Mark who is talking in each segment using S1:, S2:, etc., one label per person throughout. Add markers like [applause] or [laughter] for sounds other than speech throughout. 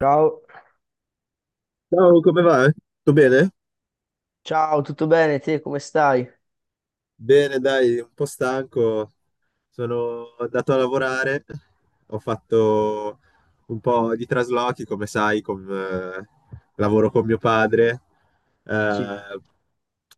S1: Ciao,
S2: Ciao, come va? Tutto bene?
S1: ciao, tutto bene? Te come stai?
S2: Bene, dai, un po' stanco. Sono andato a lavorare, ho fatto un po' di traslochi, come sai, con, lavoro con mio padre.
S1: Sì,
S2: Eh,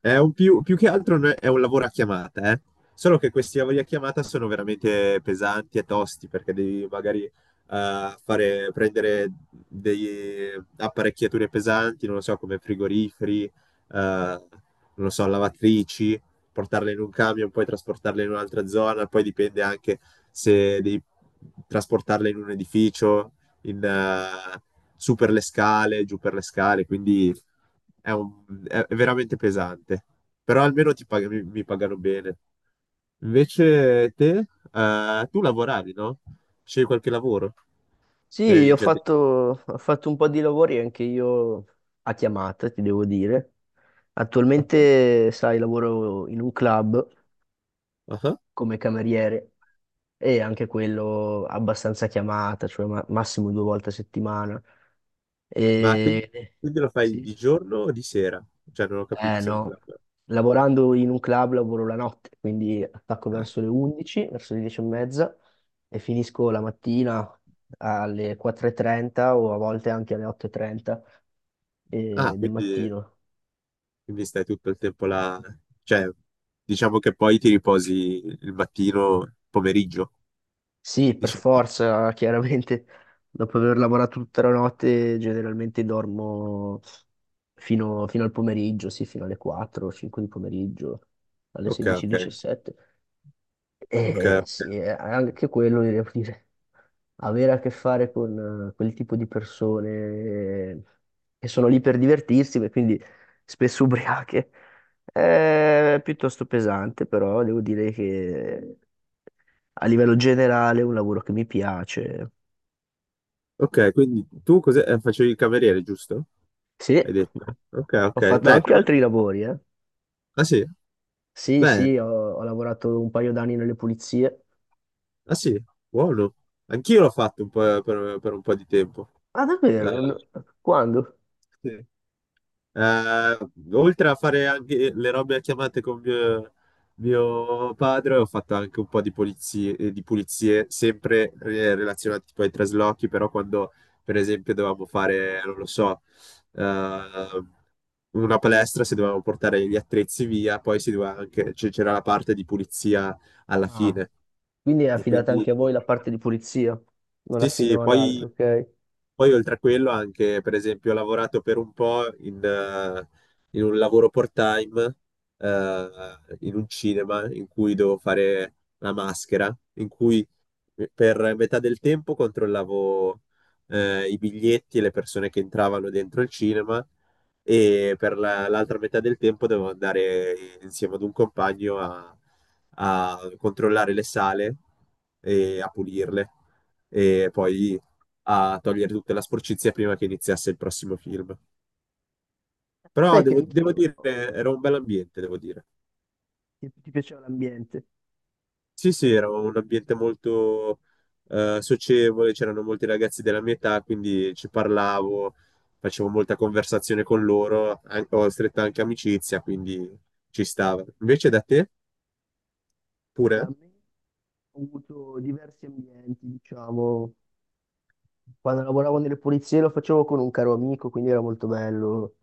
S2: è un più che altro è un lavoro a chiamata, eh. Solo che questi lavori a chiamata sono veramente pesanti e tosti perché devi magari fare, prendere delle apparecchiature pesanti, non lo so, come frigoriferi, non lo so, lavatrici portarle in un camion, poi trasportarle in un'altra zona, poi dipende anche se devi trasportarle in un edificio, in, su per le scale, giù per le scale, quindi è veramente pesante. Però almeno ti mi pagano bene. Invece te, tu lavoravi, no? Scegli qualche lavoro? Mi
S1: Sì,
S2: avevi
S1: ho
S2: già detto.
S1: fatto, ho fatto un po' di lavori anche io a chiamata, ti devo dire. Attualmente, sai, lavoro in un club
S2: Ah, ah.
S1: come cameriere e anche quello abbastanza a chiamata, cioè massimo due volte a settimana.
S2: Ma quindi,
S1: E...
S2: quindi lo fai
S1: Sì.
S2: di giorno o di sera? Cioè, non ho
S1: Eh
S2: capito se è un
S1: no,
S2: club.
S1: lavorando in un club lavoro la notte, quindi attacco
S2: Ah,
S1: verso le 11, verso le 10 e mezza e finisco la mattina alle 4.30 o a volte anche alle 8.30
S2: ah,
S1: del
S2: quindi.
S1: mattino.
S2: Quindi stai tutto il tempo là, cioè diciamo che poi ti riposi il mattino, pomeriggio,
S1: Sì, per
S2: diciamo.
S1: forza, [laughs] chiaramente, dopo aver lavorato tutta la notte generalmente dormo fino al pomeriggio, sì, fino alle 4, 5 di pomeriggio, alle
S2: Ok, ok,
S1: 16.17. E
S2: ok,
S1: diciassette. Eh
S2: ok.
S1: sì, anche quello devo dire. Avere a che fare con quel tipo di persone che sono lì per divertirsi, e quindi spesso [laughs] ubriache, è piuttosto pesante, però devo dire che a livello generale è un lavoro che mi piace.
S2: Ok, quindi tu cos'è? Facevi il cameriere, giusto?
S1: Sì,
S2: Hai detto. Ok,
S1: ho
S2: ok.
S1: fatto
S2: Beh,
S1: anche
S2: però...
S1: altri lavori, eh.
S2: Ah sì,
S1: Sì,
S2: beh,
S1: sì, ho lavorato un paio d'anni nelle pulizie.
S2: ah sì, buono. Anch'io l'ho fatto un po' per un po' di tempo.
S1: Ah,
S2: Eh,
S1: davvero? Quando?
S2: sì. Eh, oltre a fare anche le robe a chiamate con mio padre, ho fatto anche un po' di pulizie sempre relazionate tipo ai traslochi, però quando per esempio dovevamo fare, non lo so, eh, una palestra, se dovevamo portare gli attrezzi via, poi si doveva anche, c'era la parte di pulizia alla
S1: Ah,
S2: fine.
S1: quindi è
S2: E
S1: affidata anche a
S2: quindi
S1: voi la parte di pulizia, non la
S2: sì, sì,
S1: affidano ad altri,
S2: poi,
S1: ok?
S2: poi oltre a quello anche, per esempio, ho lavorato per un po' in, in un lavoro part-time, in un cinema in cui dovevo fare la maschera, in cui per metà del tempo controllavo i biglietti e le persone che entravano dentro il cinema e per l'altra metà del tempo dovevo andare insieme ad un compagno a controllare le sale e a pulirle e poi a togliere tutta la sporcizia prima che iniziasse il prossimo film. Però
S1: Sai che
S2: devo
S1: anch'io.
S2: dire, era un bel ambiente, devo dire.
S1: Che ti piaceva l'ambiente?
S2: Sì, sì, era un ambiente molto socievole, c'erano molti ragazzi della mia età, quindi ci parlavo, facevo molta conversazione con loro, ho stretta anche amicizia, quindi ci stava. Invece da te?
S1: Da
S2: Pure?
S1: me ho avuto diversi ambienti, diciamo. Quando lavoravo nelle pulizie lo facevo con un caro amico, quindi era molto bello.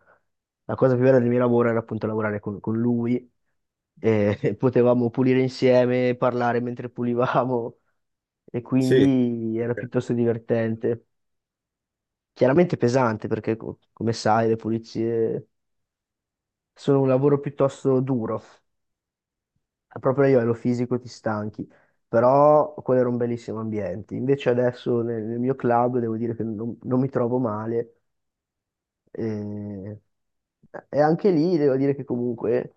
S1: La cosa più bella del mio lavoro era appunto lavorare con lui e [laughs] potevamo pulire insieme, parlare mentre pulivamo e
S2: Sì,
S1: quindi era
S2: ok.
S1: piuttosto divertente. Chiaramente pesante perché, come sai, le pulizie sono un lavoro piuttosto duro. Proprio a livello fisico ti stanchi, però quello era un bellissimo ambiente. Invece adesso nel mio club devo dire che non mi trovo male e, e anche lì devo dire che comunque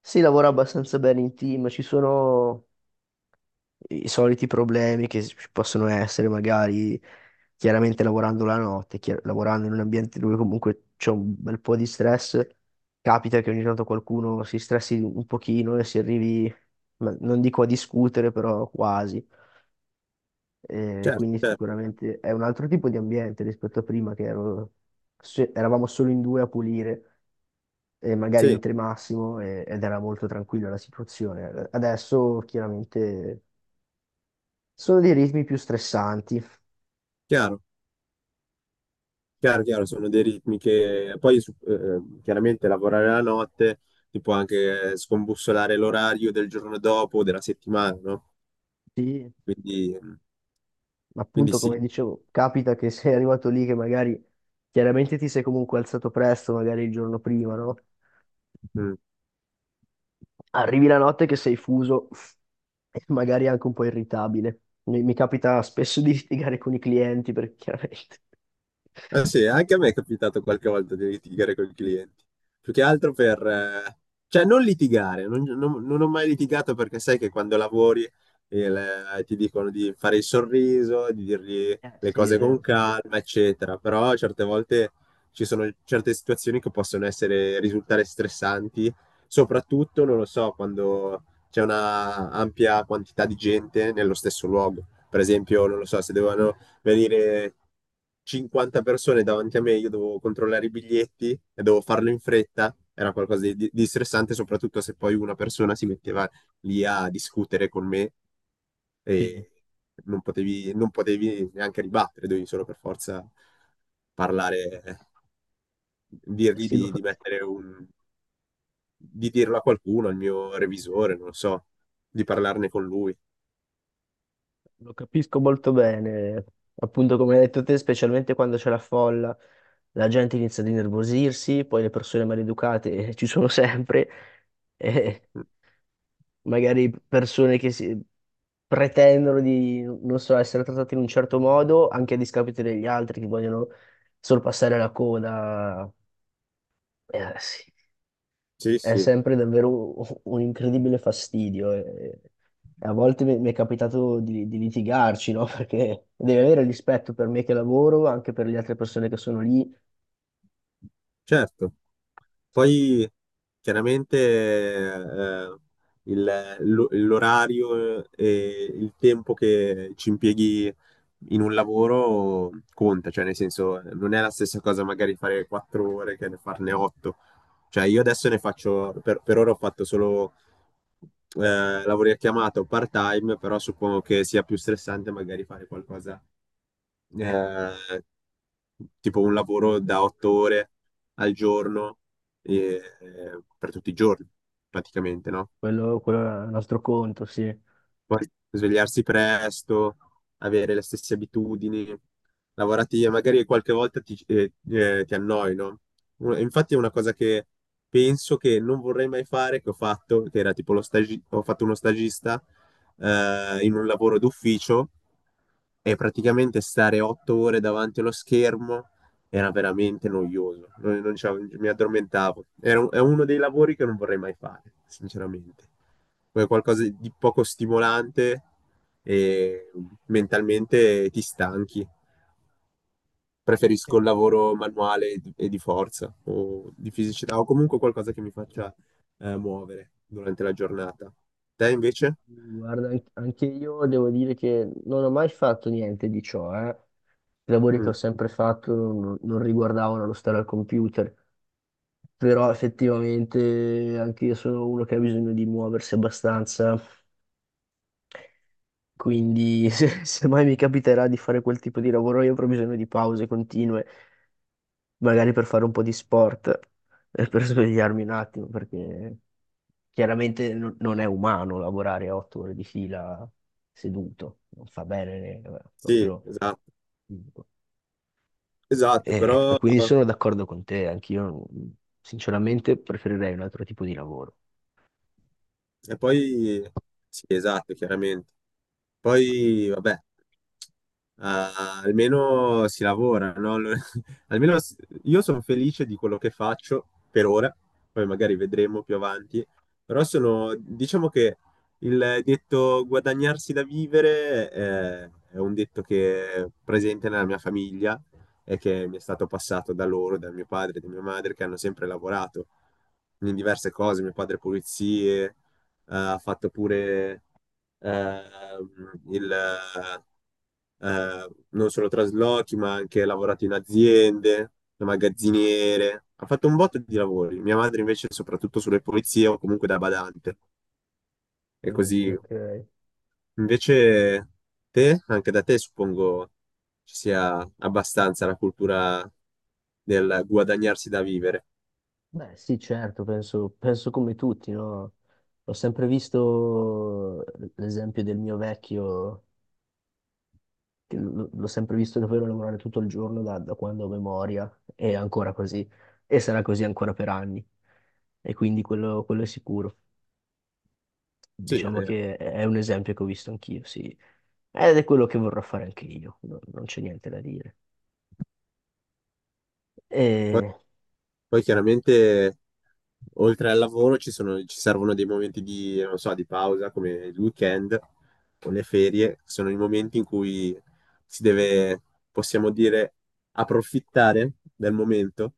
S1: si lavora abbastanza bene in team, ci sono i soliti problemi che ci possono essere, magari chiaramente lavorando la notte, lavorando in un ambiente dove comunque c'è un bel po' di stress, capita che ogni tanto qualcuno si stressi un pochino e si arrivi, ma non dico a discutere, però quasi. Eh,
S2: Certo,
S1: quindi
S2: certo.
S1: sicuramente è un altro tipo di ambiente rispetto a prima che eravamo solo in due a pulire. E magari
S2: Sì,
S1: in tre massimo ed era molto tranquilla la situazione. Adesso chiaramente sono dei ritmi più stressanti.
S2: chiaro, chiaro, chiaro, sono dei ritmi che poi chiaramente lavorare la notte ti può anche scombussolare l'orario del giorno dopo, della settimana, no?
S1: Sì,
S2: Quindi, quindi,
S1: appunto,
S2: sì.
S1: come dicevo, capita che [laughs] sei arrivato lì che magari chiaramente ti sei comunque alzato presto, magari il giorno prima, no?
S2: Mm.
S1: Arrivi la notte che sei fuso e magari anche un po' irritabile. Mi capita spesso di litigare con i clienti perché chiaramente.
S2: Ah, sì, anche a me è capitato qualche volta di litigare con i clienti. Più che altro per... cioè, non litigare, non ho mai litigato perché sai che quando lavori il- ti dicono di fare il sorriso, di dirgli le
S1: Sì, è
S2: cose con
S1: vero.
S2: calma, eccetera. Però certe volte ci sono certe situazioni che possono essere, risultare stressanti, soprattutto, non lo so, quando c'è una ampia quantità di gente nello stesso luogo. Per esempio, non lo so, se devono venire 50 persone davanti a me, io dovevo controllare i biglietti e dovevo farlo in fretta, era qualcosa di stressante, soprattutto se poi una persona si metteva lì a discutere con me
S1: Sì.
S2: e non potevi neanche ribattere, dovevi solo per forza parlare,
S1: Eh
S2: dirgli
S1: sì, lo,
S2: di mettere un, di dirlo a qualcuno, al mio revisore, non lo so, di parlarne con lui.
S1: Lo capisco molto bene, appunto come hai detto te, specialmente quando c'è la folla, la gente inizia ad innervosirsi, poi le persone maleducate [laughs] ci sono sempre, e magari persone che pretendono di, non so, essere trattate in un certo modo, anche a discapito degli altri che vogliono sorpassare la coda. Sì,
S2: Sì,
S1: è
S2: sì,
S1: sempre davvero un incredibile fastidio. E a volte mi è capitato di litigarci, no? [laughs] Perché devi avere rispetto per me che lavoro, anche per le altre persone che sono lì,
S2: certo. Poi chiaramente l'orario e il tempo che ci impieghi in un lavoro conta, cioè nel senso non è la stessa cosa magari fare quattro ore che farne otto. Cioè io adesso ne faccio, per ora ho fatto solo lavori a chiamata o part-time, però suppongo che sia più stressante magari fare qualcosa eh, tipo un lavoro da otto ore al giorno eh, per tutti i giorni, praticamente, no?
S1: quello è un altro conto, sì.
S2: Poi svegliarsi presto, avere le stesse abitudini lavorative, magari qualche volta ti annoi, no? Infatti è una cosa che penso che non vorrei mai fare, che ho fatto, che era tipo ho fatto uno stagista in un lavoro d'ufficio e praticamente stare otto ore davanti allo schermo era veramente noioso. Non mi addormentavo. È uno dei lavori che non vorrei mai fare, sinceramente. È qualcosa di poco stimolante e mentalmente ti stanchi.
S1: Ok.
S2: Preferisco il lavoro manuale e di forza o di fisicità o comunque qualcosa che mi faccia muovere durante la giornata. Te invece?
S1: Guarda, anche io devo dire che non ho mai fatto niente di ciò, eh. I lavori che ho
S2: Mm,
S1: sempre fatto non riguardavano lo stare al computer, però effettivamente anche io sono uno che ha bisogno di muoversi abbastanza. Quindi [laughs] se mai mi capiterà di fare quel tipo di lavoro, io avrò bisogno di pause continue, magari per fare un po' di sport, per svegliarmi un attimo, perché chiaramente non è umano lavorare otto ore di fila seduto, non fa bene,
S2: sì,
S1: proprio.
S2: esatto, esatto,
S1: E
S2: però.
S1: quindi sono d'accordo con te, anch'io sinceramente preferirei un altro tipo di lavoro.
S2: E poi, sì, esatto, chiaramente. Poi, vabbè, ah, almeno si lavora, no? Allora, [laughs] Almeno s- io sono felice di quello che faccio per ora, poi magari vedremo più avanti, però sono, diciamo che il detto guadagnarsi da vivere è un detto che è presente nella mia famiglia e che mi è stato passato da loro, da mio padre e da mia madre, che hanno sempre lavorato in diverse cose, mio padre pulizie, ha fatto pure ehm, il, non solo traslochi, ma ha anche lavorato in aziende, da magazziniere. Ha fatto un botto di lavori. Mia madre invece soprattutto sulle pulizie o comunque da badante. E
S1: Mm,
S2: così.
S1: ok.
S2: Invece te, anche da te suppongo ci sia abbastanza la cultura del guadagnarsi da vivere.
S1: Beh, sì, certo, penso come tutti, no? Ho sempre visto l'esempio del mio vecchio, che l'ho sempre visto davvero lavorare tutto il giorno da quando ho memoria, e ancora così, e sarà così ancora per anni, e quindi quello è sicuro.
S2: Sì, è
S1: Diciamo
S2: vero.
S1: che è un esempio che ho visto anch'io, sì, ed è quello che vorrò fare anche io, non c'è niente da dire. E,
S2: Poi chiaramente oltre al lavoro ci sono- ci servono dei momenti di, non so, di pausa come il weekend o le ferie, sono i momenti in cui si deve, possiamo dire, approfittare del momento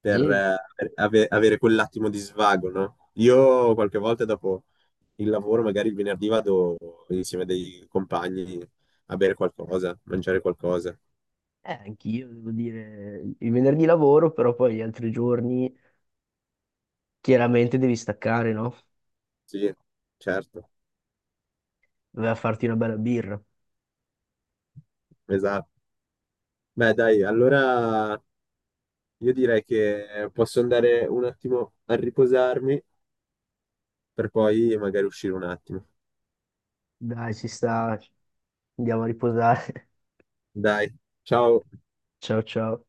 S1: e
S2: per avere quell'attimo di svago, no? Io qualche volta dopo il lavoro, magari il venerdì vado insieme a dei compagni a bere qualcosa, mangiare qualcosa.
S1: eh, anch'io, devo dire, il venerdì lavoro, però poi gli altri giorni chiaramente devi staccare, no?
S2: Sì, certo.
S1: Doveva farti una bella birra.
S2: Esatto. Beh, dai, allora io direi che posso andare un attimo a riposarmi per poi magari uscire un attimo.
S1: Dai, ci sta. Andiamo a riposare.
S2: Dai, ciao.
S1: [laughs] Ciao ciao.